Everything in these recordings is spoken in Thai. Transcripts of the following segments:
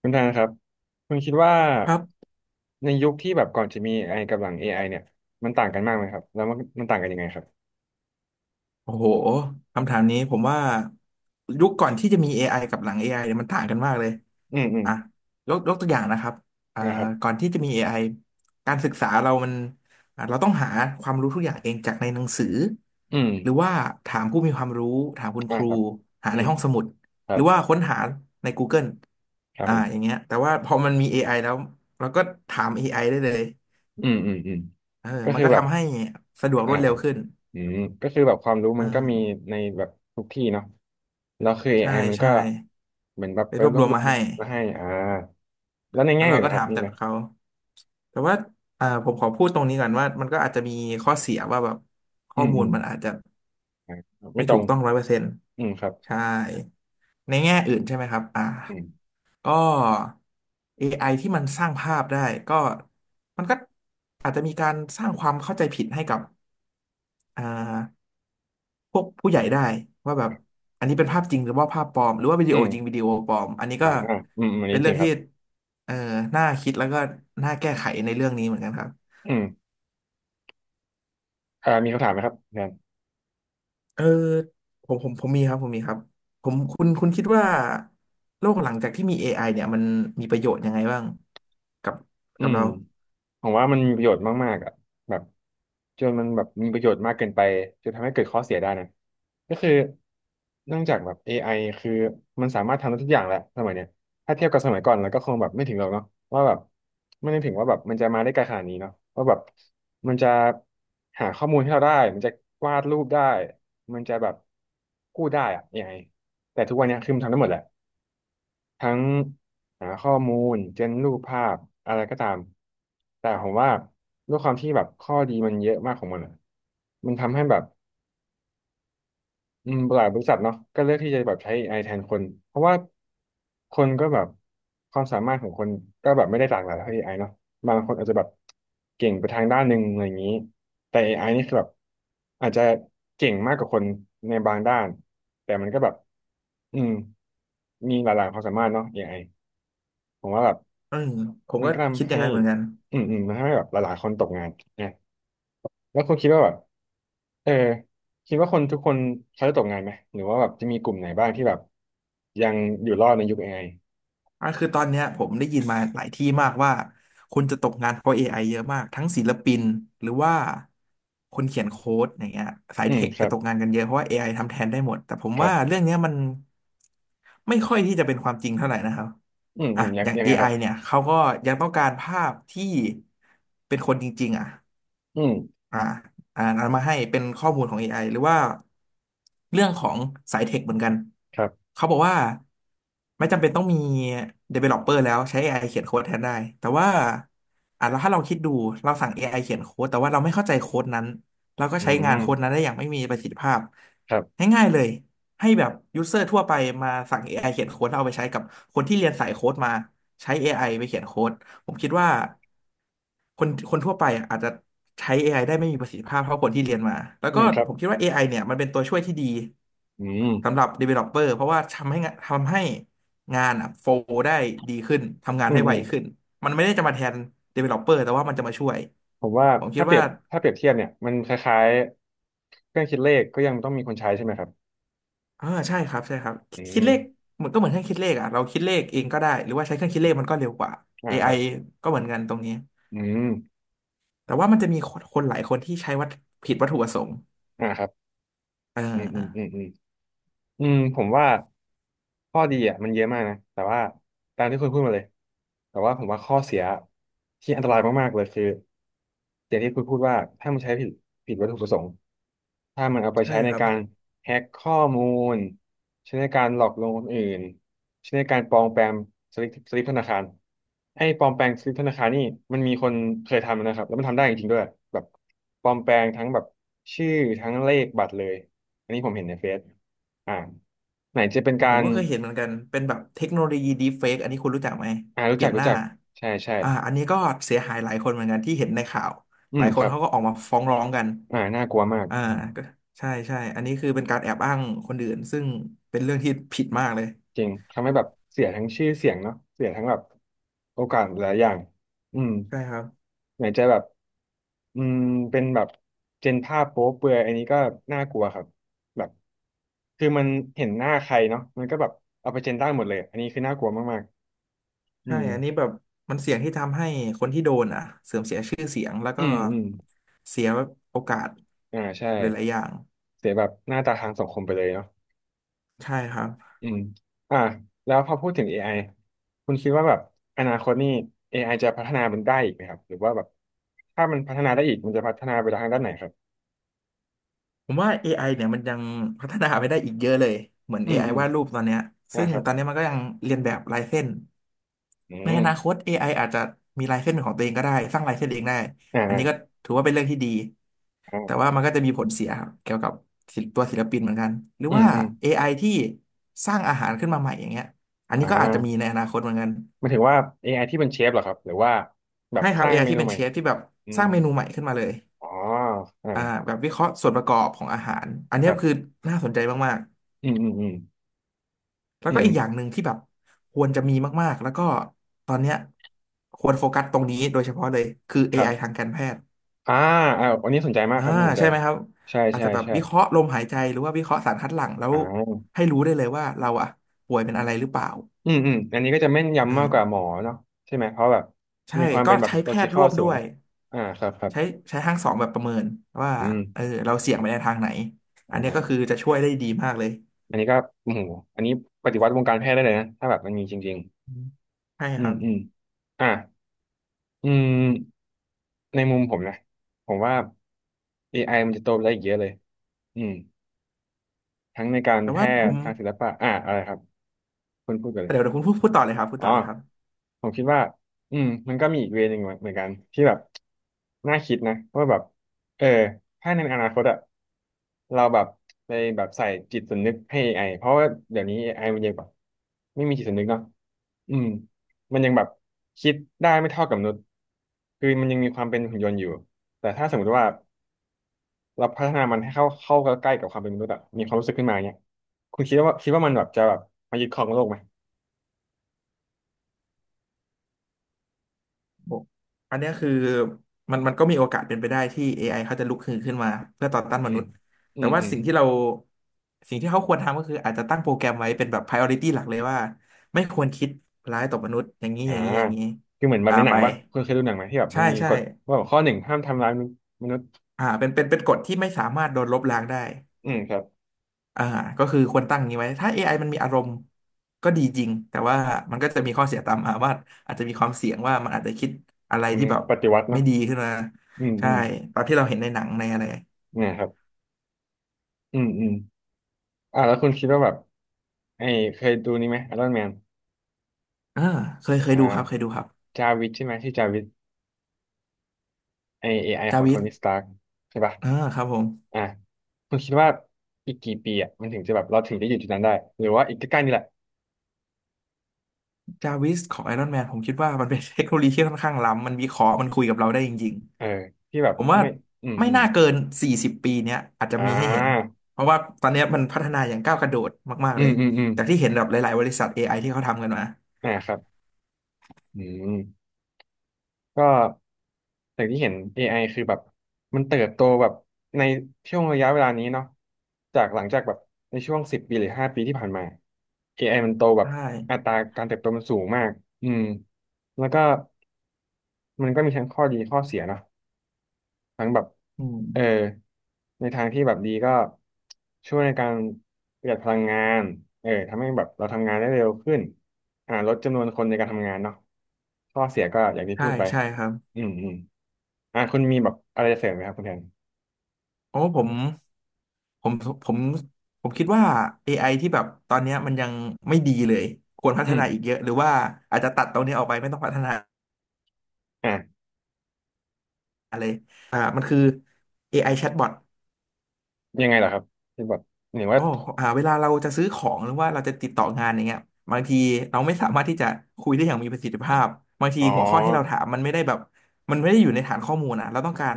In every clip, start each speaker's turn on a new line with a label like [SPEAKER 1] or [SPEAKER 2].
[SPEAKER 1] คุณทางครับคุณคิดว่า
[SPEAKER 2] ครับ
[SPEAKER 1] ในยุคที่แบบก่อนจะมี AI กับหลัง AI เนี่ยมันต่างกันมากไหมครับแล้วมันมันต่างกันยังไงครับ
[SPEAKER 2] โอ้โหคำถามนี้ผมว่ายุคก่อนที่จะมี AI กับหลัง AI เนี่ยมันต่างกันมากเลย
[SPEAKER 1] อืม
[SPEAKER 2] อ่ะยกตัวอย่างนะครับอ่า
[SPEAKER 1] นะครับ
[SPEAKER 2] ก่อนที่จะมี AI การศึกษาเรามันอ่ะเราต้องหาความรู้ทุกอย่างเองจากในหนังสือ
[SPEAKER 1] อืม
[SPEAKER 2] หรือว่าถามผู้มีความรู้ถามคุณค
[SPEAKER 1] อ่า
[SPEAKER 2] รู
[SPEAKER 1] ครับ
[SPEAKER 2] หา
[SPEAKER 1] อื
[SPEAKER 2] ใน
[SPEAKER 1] ม
[SPEAKER 2] ห้องสมุด
[SPEAKER 1] ครั
[SPEAKER 2] หรื
[SPEAKER 1] บ
[SPEAKER 2] อว่าค้นหาใน Google
[SPEAKER 1] ครับ
[SPEAKER 2] อ่า
[SPEAKER 1] ผม
[SPEAKER 2] อย่างเงี้ยแต่ว่าพอมันมี AI แล้วเราก็ถาม AIได้เลย
[SPEAKER 1] อืม
[SPEAKER 2] เออ
[SPEAKER 1] ก็
[SPEAKER 2] มัน
[SPEAKER 1] คือ
[SPEAKER 2] ก็
[SPEAKER 1] แบบ
[SPEAKER 2] ทำให้สะดวกร
[SPEAKER 1] อ่า
[SPEAKER 2] วดเร็วขึ้น
[SPEAKER 1] อืมก็คือแบบความรู้
[SPEAKER 2] อ่
[SPEAKER 1] มันก็มี
[SPEAKER 2] า
[SPEAKER 1] ในแบบทุกที่เนาะแล้วคือเอ
[SPEAKER 2] ใช่
[SPEAKER 1] ไอมันก็
[SPEAKER 2] ใช่
[SPEAKER 1] เหมือนแบบ
[SPEAKER 2] ไป
[SPEAKER 1] ไป
[SPEAKER 2] รว
[SPEAKER 1] ร
[SPEAKER 2] บ
[SPEAKER 1] ว
[SPEAKER 2] ร
[SPEAKER 1] บ
[SPEAKER 2] วม
[SPEAKER 1] รว
[SPEAKER 2] มา
[SPEAKER 1] ม
[SPEAKER 2] ให้
[SPEAKER 1] มาให้อ่าแล้วใน
[SPEAKER 2] แล้
[SPEAKER 1] แง่
[SPEAKER 2] วเรา
[SPEAKER 1] อื่น
[SPEAKER 2] ก็
[SPEAKER 1] นะครับ
[SPEAKER 2] ถาม
[SPEAKER 1] มี
[SPEAKER 2] จา
[SPEAKER 1] ไหม
[SPEAKER 2] กเขา แต่ว่าผมขอพูดตรงนี้ก่อนว่า มันก็อาจจะมีข้อเสียว่าแบบข้
[SPEAKER 1] อื
[SPEAKER 2] อ
[SPEAKER 1] ม
[SPEAKER 2] มู
[SPEAKER 1] อื
[SPEAKER 2] ล
[SPEAKER 1] ม
[SPEAKER 2] มันอาจจะ
[SPEAKER 1] อ่าไม่
[SPEAKER 2] ไม่
[SPEAKER 1] ตร
[SPEAKER 2] ถู
[SPEAKER 1] ง
[SPEAKER 2] กต้องร้อยเปอร์เซ็นต์
[SPEAKER 1] อืมครับ
[SPEAKER 2] ใช่ ในแง่อื่นใช่ไหมครับ อ่า
[SPEAKER 1] อืม
[SPEAKER 2] ก็ AI ที่มันสร้างภาพได้ ก็มันก็อาจจะมีการสร้างความเข้าใจผิดให้กับอ่า พวกผู้ใหญ่ได้ว่าแบบอันนี้เป็นภาพจริงหรือว่าภาพปลอมหรือว่าวิดี
[SPEAKER 1] อื
[SPEAKER 2] โอ
[SPEAKER 1] ม
[SPEAKER 2] จริงวิดีโอปลอมอันนี้
[SPEAKER 1] อ่า
[SPEAKER 2] ก็
[SPEAKER 1] อืมอัน
[SPEAKER 2] เป็
[SPEAKER 1] นี้
[SPEAKER 2] น
[SPEAKER 1] จ
[SPEAKER 2] เรื่
[SPEAKER 1] ริ
[SPEAKER 2] อง
[SPEAKER 1] งครั
[SPEAKER 2] ที่
[SPEAKER 1] บ
[SPEAKER 2] เอ่อน่าคิดแล้วก็น่าแก้ไขในเรื่องนี้เหมือนกันครับ
[SPEAKER 1] อืม อ่ามีคำถามไหมครับแทน
[SPEAKER 2] เออผมมีครับผมมีครับผมคุณคิดว่าโลกหลังจากที่มี AI เนี่ยมันมีประโยชน์ยังไงบ้างกับ
[SPEAKER 1] อื
[SPEAKER 2] กับ
[SPEAKER 1] ม
[SPEAKER 2] เรา
[SPEAKER 1] ผมว่ามันมีประโยชน์มากๆอ่ะแบบจนมันแบบมีประโยชน์มากเกินไปจนทำให้เกิดข้อเสียได้นะก็คือเนื่องจากแบบเอไอคือมันสามารถทำได้ทุกอย่างแหละสมัยเนี้ยถ้าเทียบกับสมัยก่อนแล้วก็คงแบบไม่ถึงหรอกเนาะว่าแบบไม่ได้ถึงว่าแบบมันจะมาได้ไกลขนาดนี้เนาะว่าแบบมันจะหาข้อมูลให้เราได้มันจะวาดรูปได้มันจะแบบพูดได้อะเอไ i แต่ทุกวันเนี้ยคือมันทำได้หมดแหละ ทั้งหาข้อมูลเจนรูปภาพอะไรก็ตามแต่ผมว่าด้วยความที่แบบข้อดีมันเยอะมากของมันอะมันทำให้แบบอืมหลายบริษัทเนาะก็เลือกที่จะแบบใช้ AI แทนคนเพราะว่าคนก็แบบความสามารถของคนก็แบบไม่ได้หลากหลายเท่า a อไอเนาะบางคนอาจจะแบบเก่งไปทางด้านหนึ่งอะไรอย่างนี้แต่ AI นี่คือแบบอาจจะเก่งมากกว่าคนในบางด้านแต่มันก็แบบอืมมีหลากหลายความสามารถเนาะ AI ผมว่าแบบ
[SPEAKER 2] อืมผม
[SPEAKER 1] มัน
[SPEAKER 2] ก็
[SPEAKER 1] ก็
[SPEAKER 2] คิด
[SPEAKER 1] ทำ
[SPEAKER 2] อย่า
[SPEAKER 1] ให้
[SPEAKER 2] งนั้นเหมือนกัน
[SPEAKER 1] อืมมันทำให้แบบหลายๆคนตกงานนะแล้วคุณคิดว่าแบบเออคิดว่าคนทุกคนเขาจะตกงานไหม หรือว่าแบบจะมีกลุ่มไหนบ้างที่แบบยังอยู่รอดในยุค AI อไอ
[SPEAKER 2] อ่ะคือตอนเนี้ยผมได้ยินมาหลายที่มากว่าคนจะตกงานเพราะ AI เยอะมากทั้งศิลปินหรือว่าคนเขียนโค้ดอย่างเงี้ยสาย
[SPEAKER 1] อื
[SPEAKER 2] เท
[SPEAKER 1] ม
[SPEAKER 2] ค
[SPEAKER 1] ครั
[SPEAKER 2] จะ
[SPEAKER 1] บ
[SPEAKER 2] ตกงานกันเยอะเพราะว่า AI ทำแทนได้หมดแต่ผม
[SPEAKER 1] ครั
[SPEAKER 2] ว่า
[SPEAKER 1] บ
[SPEAKER 2] เรื่องเนี้ยมันไม่ค่อยที่จะเป็นความจริงเท่าไหร่นะครับ
[SPEAKER 1] อืมอื
[SPEAKER 2] อ่ะ
[SPEAKER 1] มยั
[SPEAKER 2] อ
[SPEAKER 1] ง
[SPEAKER 2] ย่าง
[SPEAKER 1] ยังไงค
[SPEAKER 2] AI
[SPEAKER 1] รับ
[SPEAKER 2] เนี่ยเขาก็ยังต้องการภาพที่เป็นคนจริงๆอ่ะ
[SPEAKER 1] อืม
[SPEAKER 2] อ่าอ่านเอามาให้เป็นข้อมูลของ AI หรือว่าเรื่องของสายเทคเหมือนกัน
[SPEAKER 1] ครับ
[SPEAKER 2] เขาบอกว่าไม่จำเป็นต้องมี developer แล้วใช้ AI เขียนโค้ดแทนได้แต่ว่าแล้วถ้าเราคิดดูเราสั่ง AI เขียนโค้ดแต่ว่าเราไม่เข้าใจโค้ดนั้นเราก็
[SPEAKER 1] อื
[SPEAKER 2] ใช้งานโค้ดนั้น
[SPEAKER 1] ม
[SPEAKER 2] ได้อย่างไม่มีประสิทธิภาพ
[SPEAKER 1] ครับ
[SPEAKER 2] ง่ายๆเลยให้แบบยูเซอร์ทั่วไปมาสั่ง AI เขียนโค้ดแล้วเอาไปใช้กับคนที่เรียนสายโค้ดมาใช้ AIไปเขียนโค้ด ผมคิดว่าคนทั่วไปอะอาจจะใช้ AIได้ไม่มีประสิทธิภาพเท่าคนที่เรียนมา แล้ว
[SPEAKER 1] อื
[SPEAKER 2] ก็
[SPEAKER 1] มครับ
[SPEAKER 2] ผมคิดว่า AI เนี่ยมันเป็นตัวช่วยที่ดี
[SPEAKER 1] อืม
[SPEAKER 2] สำหรับ developer เพราะว่าทำให้งานอะโฟลได้ดีขึ้นทำงาน
[SPEAKER 1] อื
[SPEAKER 2] ได้
[SPEAKER 1] มอื
[SPEAKER 2] ไว
[SPEAKER 1] ม
[SPEAKER 2] ขึ้นมันไม่ได้จะมาแทน developer แต่ว่ามันจะมาช่วย
[SPEAKER 1] ผมว่า
[SPEAKER 2] ผมคิ
[SPEAKER 1] ถ้า
[SPEAKER 2] ด
[SPEAKER 1] เปรีย
[SPEAKER 2] ว่า
[SPEAKER 1] บถ้าเปรียบเทียบเนี่ยมันคล้ายๆเครื่องคิดเลขก็ยังต้องมีคนใช้ใช่ไหมครับ
[SPEAKER 2] ใช่ครับใช่ครับคิ
[SPEAKER 1] อื
[SPEAKER 2] ดคิ
[SPEAKER 1] ม
[SPEAKER 2] ดเลขเหมือนก็เหมือนเครื่องคิดเลขอ่ะเราคิดเลขเองก็ได้ หรือว่าใช้เครื่องคิดเลขมันก็เร็วกว่า
[SPEAKER 1] อ่าค
[SPEAKER 2] AI
[SPEAKER 1] รับ
[SPEAKER 2] ก็เหมือนกันตรงนี้
[SPEAKER 1] อืม
[SPEAKER 2] แต่ว่ามันจะมีคนหลายคนที่ใช้วัตผิดวัตถุประสงค์
[SPEAKER 1] อ่าครับ
[SPEAKER 2] อ่
[SPEAKER 1] อืมอืมอืม
[SPEAKER 2] า
[SPEAKER 1] อืม อืมผมว่าข้อดีอ่ะมันเยอะมากนะแต่ว่าตามที่คุณพูดมาเลยแต่ว่าผมว่าข้อเสียที่อันตรายมากๆเลยคืออย่างที่คุณพูดว่าถ้ามันใช้ผิดวัตถุประสงค์ถ้ามันเอาไป
[SPEAKER 2] ใช่
[SPEAKER 1] ใช้ใน
[SPEAKER 2] ครับ
[SPEAKER 1] การแฮ็กข้อมูลใช้ในการหลอกลวงคนอื่นใช้ในการปลอมแปลงสลิปธนาคารไอ้ปลอมแปลงสลิปธนาคารนี่มันมีคนเคยทำนะครับแล้วมันทำได้จริงๆด้วยแบบปลอมแปลงทั้งแบบชื่อทั้งเลขบัตรเลยอันนี้ผมเห็นในเฟซ อ่าไหนจะเป็นกา
[SPEAKER 2] ผม
[SPEAKER 1] ร
[SPEAKER 2] ก็เคยเห็นเหมือนกันเป็นแบบเทคโนโลยีดีเฟกอันนี้คุณรู้จักไหม
[SPEAKER 1] อ่ารู้
[SPEAKER 2] เปลี่
[SPEAKER 1] จัก
[SPEAKER 2] ยนห
[SPEAKER 1] รู้
[SPEAKER 2] น้า
[SPEAKER 1] จักใช่ใช่
[SPEAKER 2] อันนี้ก็เสียหายหลายคนเหมือนกันที่เห็นในข่าว
[SPEAKER 1] อื
[SPEAKER 2] หลา
[SPEAKER 1] ม
[SPEAKER 2] ยค
[SPEAKER 1] ค
[SPEAKER 2] น
[SPEAKER 1] รับ
[SPEAKER 2] เขาก็ออกมาฟ้องร้องกัน
[SPEAKER 1] อ่าน่ากลัวมาก
[SPEAKER 2] อ่า
[SPEAKER 1] อืม
[SPEAKER 2] ก็ใช่ใช่อันนี้คือเป็นการแอบอ้างคนอื่นซึ่งเป็นเรื่องที่ผิดมากเลย
[SPEAKER 1] จริงทำให้แบบเสียทั้งชื่อเสียงเนาะเสียทั้งแบบโอกาสหลายอย่างอืม
[SPEAKER 2] ใช่ครับ
[SPEAKER 1] ไหนจะแบบอืมเป็นแบบเจนภาพโป๊เปลือยอันนี้ก็น่ากลัวครับแบบคือมันเห็นหน้าใครเนาะมันก็แบบเอาไปเจนได้หมดเลยอันนี้คือน่ากลัวมากๆอื
[SPEAKER 2] ใช่
[SPEAKER 1] ม
[SPEAKER 2] อันนี้แบบมันเสี่ยงที่ทำให้คนที่โดนอ่ะเสื่อมเสียชื่อเสียงแล้ว
[SPEAKER 1] อื
[SPEAKER 2] ก็
[SPEAKER 1] มอืม
[SPEAKER 2] เสียโอกาส
[SPEAKER 1] อ่าใช่
[SPEAKER 2] หลายๆอย่าง
[SPEAKER 1] เสียแบบหน้าตาทางสังคมไปเลยเนาะ
[SPEAKER 2] ใช่ครับ
[SPEAKER 1] อืมอ่าแล้วพอพูดถึง AI คุณคิดว่าแบบอนาคตนี่ AI จะพัฒนามันได้อีกไหมครับหรือว่าแบบถ้ามันพัฒนาได้อีกมันจะพัฒนาไปทางด้านไหนครับ
[SPEAKER 2] ผมว่า AI เนี่ยมันยังพัฒนาไปได้อีกเยอะเลยเหมือน
[SPEAKER 1] อืม
[SPEAKER 2] AI
[SPEAKER 1] อืม
[SPEAKER 2] วาดรูปตอนเนี้ยซึ่
[SPEAKER 1] นะ
[SPEAKER 2] ง
[SPEAKER 1] ครับ
[SPEAKER 2] ตอนเนี้ยมันก็ยังเรียนแบบลายเส้น
[SPEAKER 1] อื
[SPEAKER 2] ในอ
[SPEAKER 1] ม
[SPEAKER 2] นาคต AI อไออาจจะมีลายเส้นเป็นของตัวเองก็ได้สร้างลายเส้นเองได้
[SPEAKER 1] อ่า
[SPEAKER 2] อันนี้ก็
[SPEAKER 1] อ่า
[SPEAKER 2] ถือว่าเป็นเรื่องที่ดี
[SPEAKER 1] อ่า
[SPEAKER 2] แต่ว่ามันก็จะมีผลเสียครับเกี่ยวกับศิลป์ตัวศิลปินเหมือนกันหรือ
[SPEAKER 1] อืม
[SPEAKER 2] ว่า
[SPEAKER 1] อืม
[SPEAKER 2] AI ที่สร้างอาหารขึ้นมาใหม่อย่างเงี้ยอัน
[SPEAKER 1] อ่
[SPEAKER 2] นี้ก็อาจจะมีใน
[SPEAKER 1] า
[SPEAKER 2] อนาคตเหมือนกัน
[SPEAKER 1] หมันถึงว่า AI ที่เป็นเชฟเหรอครับหรือว่าแบบ
[SPEAKER 2] ใช่ค
[SPEAKER 1] ส
[SPEAKER 2] รับ
[SPEAKER 1] ร้าง
[SPEAKER 2] AI
[SPEAKER 1] เม
[SPEAKER 2] ที่
[SPEAKER 1] นู
[SPEAKER 2] เป็น
[SPEAKER 1] ใหม่
[SPEAKER 2] เชฟที่แบบ
[SPEAKER 1] อื
[SPEAKER 2] ส
[SPEAKER 1] ม
[SPEAKER 2] ร้าง
[SPEAKER 1] อื
[SPEAKER 2] เม
[SPEAKER 1] ม
[SPEAKER 2] นูใหม่ขึ้นมาเลย
[SPEAKER 1] อ๋ออ่า
[SPEAKER 2] อ่าแบบวิเคราะห์ส่วนประกอบของอาหารอัน
[SPEAKER 1] ค
[SPEAKER 2] เนี้ย
[SPEAKER 1] รั
[SPEAKER 2] คือ
[SPEAKER 1] บ
[SPEAKER 2] น่าสนใจมาก
[SPEAKER 1] อืมอืมอืม
[SPEAKER 2] แล้ว
[SPEAKER 1] อื
[SPEAKER 2] ก็
[SPEAKER 1] ม
[SPEAKER 2] อีกอย่างหนึ่งที่แบบควรจะมีมากๆ แล้วก็ตอนเนี้ยควรโฟกัสตรงนี้โดยเฉพาะเลยคือ
[SPEAKER 1] ครั
[SPEAKER 2] AI
[SPEAKER 1] บ
[SPEAKER 2] ทางการแพทย์
[SPEAKER 1] อ่าอ่าวันนี้สนใจมาก
[SPEAKER 2] อ่า
[SPEAKER 1] ครับน่าสนใจ
[SPEAKER 2] ใช่ไหมครับ
[SPEAKER 1] ใช่
[SPEAKER 2] อาจ
[SPEAKER 1] ใช่
[SPEAKER 2] จะแบบ
[SPEAKER 1] ใช่
[SPEAKER 2] วิเคราะห์ลมหายใจหรือว่าวิเคราะห์สารคัดหลั่งแล้ว
[SPEAKER 1] อ่า
[SPEAKER 2] ให้รู้ได้เลยว่าเราอะป่วยเป็นอะไรหรือเปล่า
[SPEAKER 1] อืมอันนี้ก็จะแม่นยำมากกว่า
[SPEAKER 2] อ่า
[SPEAKER 1] หมอเนาะใช่ไหมเพราะแบบ
[SPEAKER 2] ใช่
[SPEAKER 1] มีความ
[SPEAKER 2] ก็
[SPEAKER 1] เป็นแบบ
[SPEAKER 2] ใช้
[SPEAKER 1] โล
[SPEAKER 2] แพ
[SPEAKER 1] จิ
[SPEAKER 2] ท
[SPEAKER 1] ค
[SPEAKER 2] ย์
[SPEAKER 1] อ
[SPEAKER 2] ร่
[SPEAKER 1] ล
[SPEAKER 2] วม
[SPEAKER 1] สู
[SPEAKER 2] ด้ว
[SPEAKER 1] ง
[SPEAKER 2] ย
[SPEAKER 1] อ่าครับครับ
[SPEAKER 2] ใช้ใช้ทั้งสองแบบประเมินว่า
[SPEAKER 1] อืม
[SPEAKER 2] เออเราเสี่ยงไปในทางไหนอั
[SPEAKER 1] อ๋
[SPEAKER 2] นเนี้ยก็คื
[SPEAKER 1] อ
[SPEAKER 2] อจะช่วยได้ดีมากเลย
[SPEAKER 1] อันนี้ก็โอ้โหอันนี้ปฏิวัติวงการแพทย์ได้เลยนะถ้าแบบมันมีจริง
[SPEAKER 2] อืมใช่
[SPEAKER 1] ๆอื
[SPEAKER 2] ค
[SPEAKER 1] ม
[SPEAKER 2] รับ
[SPEAKER 1] อืมอ่าอืมในมุมผมนะผมว่า AI มันจะโตไปได้อีกเยอะเลยอืมทั้งในการ
[SPEAKER 2] แต่
[SPEAKER 1] แพ
[SPEAKER 2] ว่าผ
[SPEAKER 1] ทย์
[SPEAKER 2] ม
[SPEAKER 1] ทางศิลปะอ่าอะไรครับคุณพูดกันเลย
[SPEAKER 2] เดี๋ยวคุณพูดต่อเลยครับพูด
[SPEAKER 1] อ๋อ
[SPEAKER 2] ต่อเลยครับ
[SPEAKER 1] ผมคิดว่าอืมมันก็มีอีกเวย์หนึ่งเหมือนเกันที่แบบน่าคิดนะว่าแบบเออถ้าในอนาคตอะเราแบบไปแบบใส่จิตสำนึกให้ AI เพราะว่าเดี๋ยวนี้ AI มันยังแบบไม่มีจิตสำนึกเนาะอืมมันยังแบบคิดได้ไม่เท่ากับมนุษย์คือมันยังมีความเป็นหุ่นยนต์อยู่แต่ถ้าสมมติว่าเราพัฒนามันให้เข้าใกล้กับความเป็นมนุษย์อะมีความรู้สึกขึ้นมาเนี่ยคุณคิดว่ามันแบบจะแบบมายึดครองโลกไหม
[SPEAKER 2] โอ้อันเนี้ยคือมันก็มีโอกาสเป็นไปได้ที่ AI เขาจะลุกฮือขึ้นมาเพื่อต่อต้าน
[SPEAKER 1] อื
[SPEAKER 2] ม
[SPEAKER 1] ม
[SPEAKER 2] นุษย์
[SPEAKER 1] อื
[SPEAKER 2] แต่
[SPEAKER 1] ม
[SPEAKER 2] ว่า
[SPEAKER 1] อืม
[SPEAKER 2] สิ่งที่เราสิ่งที่เขาควรทำก็คืออาจจะตั้งโปรแกรมไว้เป็นแบบ priority หลักเลยว่าไม่ควรคิดร้ายต่อมนุษย์อย่างนี้
[SPEAKER 1] อ่า
[SPEAKER 2] อย่างนี้อย่างนี้
[SPEAKER 1] คือเหมือนแบบในหนั
[SPEAKER 2] ไป
[SPEAKER 1] งว่คุณเคยดูหนังไหมที่แบบมั
[SPEAKER 2] ใช่
[SPEAKER 1] นมี
[SPEAKER 2] ใช่
[SPEAKER 1] กฎว่าแบบข้อหนึ่งห้ามทำร้ายมนุษย์
[SPEAKER 2] เป็นกฎที่ไม่สามารถโดนลบล้างได้
[SPEAKER 1] อืมครับ
[SPEAKER 2] อ่าก็คือควรตั้งอย่างนี้ไว้ถ้า AI มันมีอารมณ์ก็ดีจริงแต่ว่ามันก็จะมีข้อเสียตามมาว่าอาจจะมีความเสี่ยงว่ามันอาจจะคิดอะไร
[SPEAKER 1] อัน
[SPEAKER 2] ที่
[SPEAKER 1] นี้
[SPEAKER 2] แบบ
[SPEAKER 1] ปฏิวัติ
[SPEAKER 2] ไม่
[SPEAKER 1] เนาะ
[SPEAKER 2] ดีขึ้นมา
[SPEAKER 1] อืมอื
[SPEAKER 2] ใช่
[SPEAKER 1] ม
[SPEAKER 2] ตามที่เราเห็นในหนังในอะไร
[SPEAKER 1] เนี่ยครับอืมอืมแล้วคุณคิดว่าแบบไอ้เคยดูนี่ไหมไอรอนแมน
[SPEAKER 2] อ่าเคย
[SPEAKER 1] อ่า
[SPEAKER 2] ดูครับเคยดูครับ
[SPEAKER 1] จาวิสใช่ไหมที่อจาวิสไอเอไอข
[SPEAKER 2] จา
[SPEAKER 1] อง
[SPEAKER 2] วิ
[SPEAKER 1] โท
[SPEAKER 2] ส
[SPEAKER 1] นี่สตาร์กใช่ป่ะ
[SPEAKER 2] อ่าครับผม
[SPEAKER 1] อ่าคุณคิดว่าอีกกี่ปีอ่ะมันถึงจะแบบเราถึงจะอยู่จุดนั้นได้หรือว่าอีกใกล้ๆนี่แหละ
[SPEAKER 2] จาวิสของไอรอนแมนผมคิดว่ามันเป็นเทคโนโลยีที่ค่อนข้างล้ำมันวิเคราะห์มันคุยกับเราได้จริง
[SPEAKER 1] เออที่แบ
[SPEAKER 2] ๆ
[SPEAKER 1] บ
[SPEAKER 2] ผมว่า
[SPEAKER 1] ไม่ อืม
[SPEAKER 2] ไม่
[SPEAKER 1] อืม
[SPEAKER 2] น่าเกิน40 ปีเนี้ยอาจจะ
[SPEAKER 1] อ่
[SPEAKER 2] มีให้เห็น
[SPEAKER 1] า
[SPEAKER 2] เพราะว่าตอนเนี้ยมันพัฒนาอย่างก้าวกระโดดมาก
[SPEAKER 1] อื
[SPEAKER 2] ๆเล
[SPEAKER 1] ม
[SPEAKER 2] ย
[SPEAKER 1] อืมอืม
[SPEAKER 2] จากที่เห็นแบบหลายๆบริษัทเอไอที่เขาทำกันมา
[SPEAKER 1] ครับอืม ก็อย่างที่เห็น AI คือแบบมันเติบโตแบบในช่วงระยะเวลานี้เนาะจากหลังจากแบบในช่วง10 ปีหรือ5 ปีที่ผ่านมา AI มันโตแบบ
[SPEAKER 2] ใช่
[SPEAKER 1] อัตราการเติบโตมันสูงมากอืมแล้วก็มันก็มีทั้งข้อดีข้อเสียเนาะ ทั้งแบบ
[SPEAKER 2] อื
[SPEAKER 1] เออ
[SPEAKER 2] ม
[SPEAKER 1] ในทางที่แบบดีก็ช่วยในการประหยัดพลังงานเออทำให้แบบเราทำงานได้เร็วขึ้นลดจำนวนคนในการทำงานเนาะข้อเสียก็อย่างที่
[SPEAKER 2] ใช่
[SPEAKER 1] พูดไป
[SPEAKER 2] ใช่ครับ
[SPEAKER 1] อืมอืมคุณมีแบบอะไรจะเสริมไหมครับคุณแทน
[SPEAKER 2] โอ้ผมผมผมคิดว่า AI ที่แบบตอนเนี้ยมันยังไม่ดีเลย ควรพั
[SPEAKER 1] อื
[SPEAKER 2] ฒ
[SPEAKER 1] ม
[SPEAKER 2] นาอีกเยอะหรือว่าอาจจะตัดตรงนี้ออกไปไม่ต้องพัฒนา
[SPEAKER 1] อ่ะ
[SPEAKER 2] เลยมันคือ AI chatbot
[SPEAKER 1] ยังไงเหรอครับคือแบบหรืว่า
[SPEAKER 2] อ๋อเวลาเราจะซื้อของหรือว่าเราจะติดต่องานอย่างเงี้ยบางทีเราไม่สามารถที่จะคุยได้อย่างมีประสิทธิภาพบางที
[SPEAKER 1] อ๋อ
[SPEAKER 2] หัวข้อที่เราถามมันไม่ได้แบบมันไม่ได้อยู่ในฐานข้อมูลนะเราต้องการ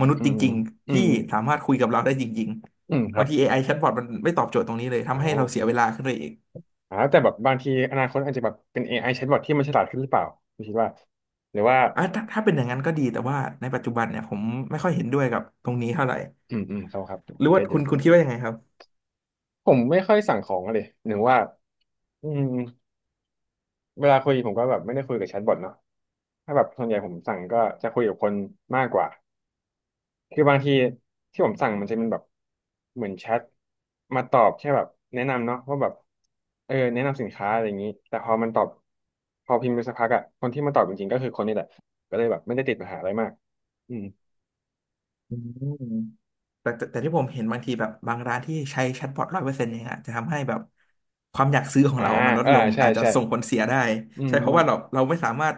[SPEAKER 2] มนุษ
[SPEAKER 1] อื
[SPEAKER 2] ย์จ
[SPEAKER 1] มอื
[SPEAKER 2] ริงๆ
[SPEAKER 1] ม
[SPEAKER 2] ที่
[SPEAKER 1] อืม
[SPEAKER 2] สามารถคุยกับเราได้จริง
[SPEAKER 1] อืมค
[SPEAKER 2] ๆ
[SPEAKER 1] รั
[SPEAKER 2] บาง
[SPEAKER 1] บ
[SPEAKER 2] ที AI แชทบอทมันไม่ตอบโจทย์ตรงนี้เลย
[SPEAKER 1] อ๋อ
[SPEAKER 2] ทำให้เราเสียเวลาขึ้นไปอีก
[SPEAKER 1] อ๋อแต่แบบบางทีอนาคตอาจจะแบบเป็น AI แชทบอทที่มันฉลาดขึ้นหรือเปล่าคุณคิดว่าหรือว่า
[SPEAKER 2] อ่ะถ้าเป็นอย่างนั้นก็ดีแต่ว่าในปัจจุบันเนี่ยผมไม่ค่อยเห็นด้วยกับตรงนี้เท่าไหร่
[SPEAKER 1] อืมอืมครับครับผ
[SPEAKER 2] หรื
[SPEAKER 1] ม
[SPEAKER 2] อว่า
[SPEAKER 1] เก็ตอ
[SPEAKER 2] คุ
[SPEAKER 1] ยู่
[SPEAKER 2] ณคุณคิดว่ายังไงครับ
[SPEAKER 1] ผมไม่ค่อยสั่งของอะเลยหนึ่งว่าอืมเวลาคุยผมก็แบบไม่ได้คุยกับแชทบอทเนาะถ้าแบบส่วนใหญ่ผมสั่งก็จะคุยกับคนมากกว่าคือบางทีที่ผมสั่งมันจะเป็นแบบเหมือนแชทมาตอบแค่แบบแนะนำเนาะว่าแบบเออแนะนำสินค้าอะไรอย่างนี้แต่พอมันตอบพอพิมพ์ไปสักพักอะคนที่มาตอบจริงๆก็คือคนนี่แหละก็เลยแบบไม่ได้ติดปัญหาอะไรมากอืม
[SPEAKER 2] อืม แต่ที่ผมเห็นบางทีแบบบางร้านที่ใช้แชทบอท100%เนี่ยฮะจะทำให้แบบความอยากซื้อของ
[SPEAKER 1] อ่า
[SPEAKER 2] เราอะมันล
[SPEAKER 1] เอ
[SPEAKER 2] ด
[SPEAKER 1] อ
[SPEAKER 2] ลง
[SPEAKER 1] ใช่
[SPEAKER 2] อาจจะ
[SPEAKER 1] ใช่
[SPEAKER 2] ส่งผลเสียได้
[SPEAKER 1] อืม
[SPEAKER 2] ใช่เพราะ
[SPEAKER 1] มัน
[SPEAKER 2] ว่าเราไม่สามารถ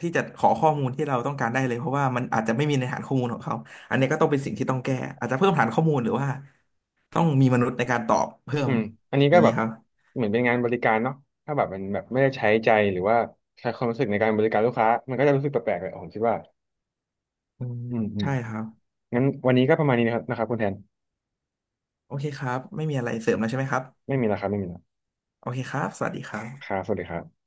[SPEAKER 2] ที่จะขอข้อมูลที่เราต้องการได้เลยเพราะว่ามันอาจจะไม่มีในฐานข้อมูลของเขาอันนี้ก็ต้องเป็นสิ่งที่ต้องแก้อาจจะเพิ่มฐานข้อมูลหรือว่าต้องมีมนุษย์ในการตอบเพิ่
[SPEAKER 1] อื
[SPEAKER 2] ม
[SPEAKER 1] มอันนี้
[SPEAKER 2] อ
[SPEAKER 1] ก็
[SPEAKER 2] ย่าง
[SPEAKER 1] แบ
[SPEAKER 2] นี้
[SPEAKER 1] บ
[SPEAKER 2] ครับ
[SPEAKER 1] เหมือนเป็นงานบริการเนาะถ้าแบบมันแบบไม่ได้ใช้ใจหรือว่าใช้ความรู้สึกในการบริการลูกค้า มันก็จะรู้สึกแปลกๆเลยผมคิดว่า
[SPEAKER 2] อืม
[SPEAKER 1] อืมอืม
[SPEAKER 2] ใช่ครับ
[SPEAKER 1] งั้นวันนี้ก็ประมาณนี้นะครับนะครับคุณแทน
[SPEAKER 2] โอเคครับไม่มีอะไรเสริมแล้วใช่ไหมครับ
[SPEAKER 1] ไม่มีแล้วครับไม่มีแล้ว
[SPEAKER 2] โอเคครับสวัสดีครับ
[SPEAKER 1] ครับสวัสดีครับ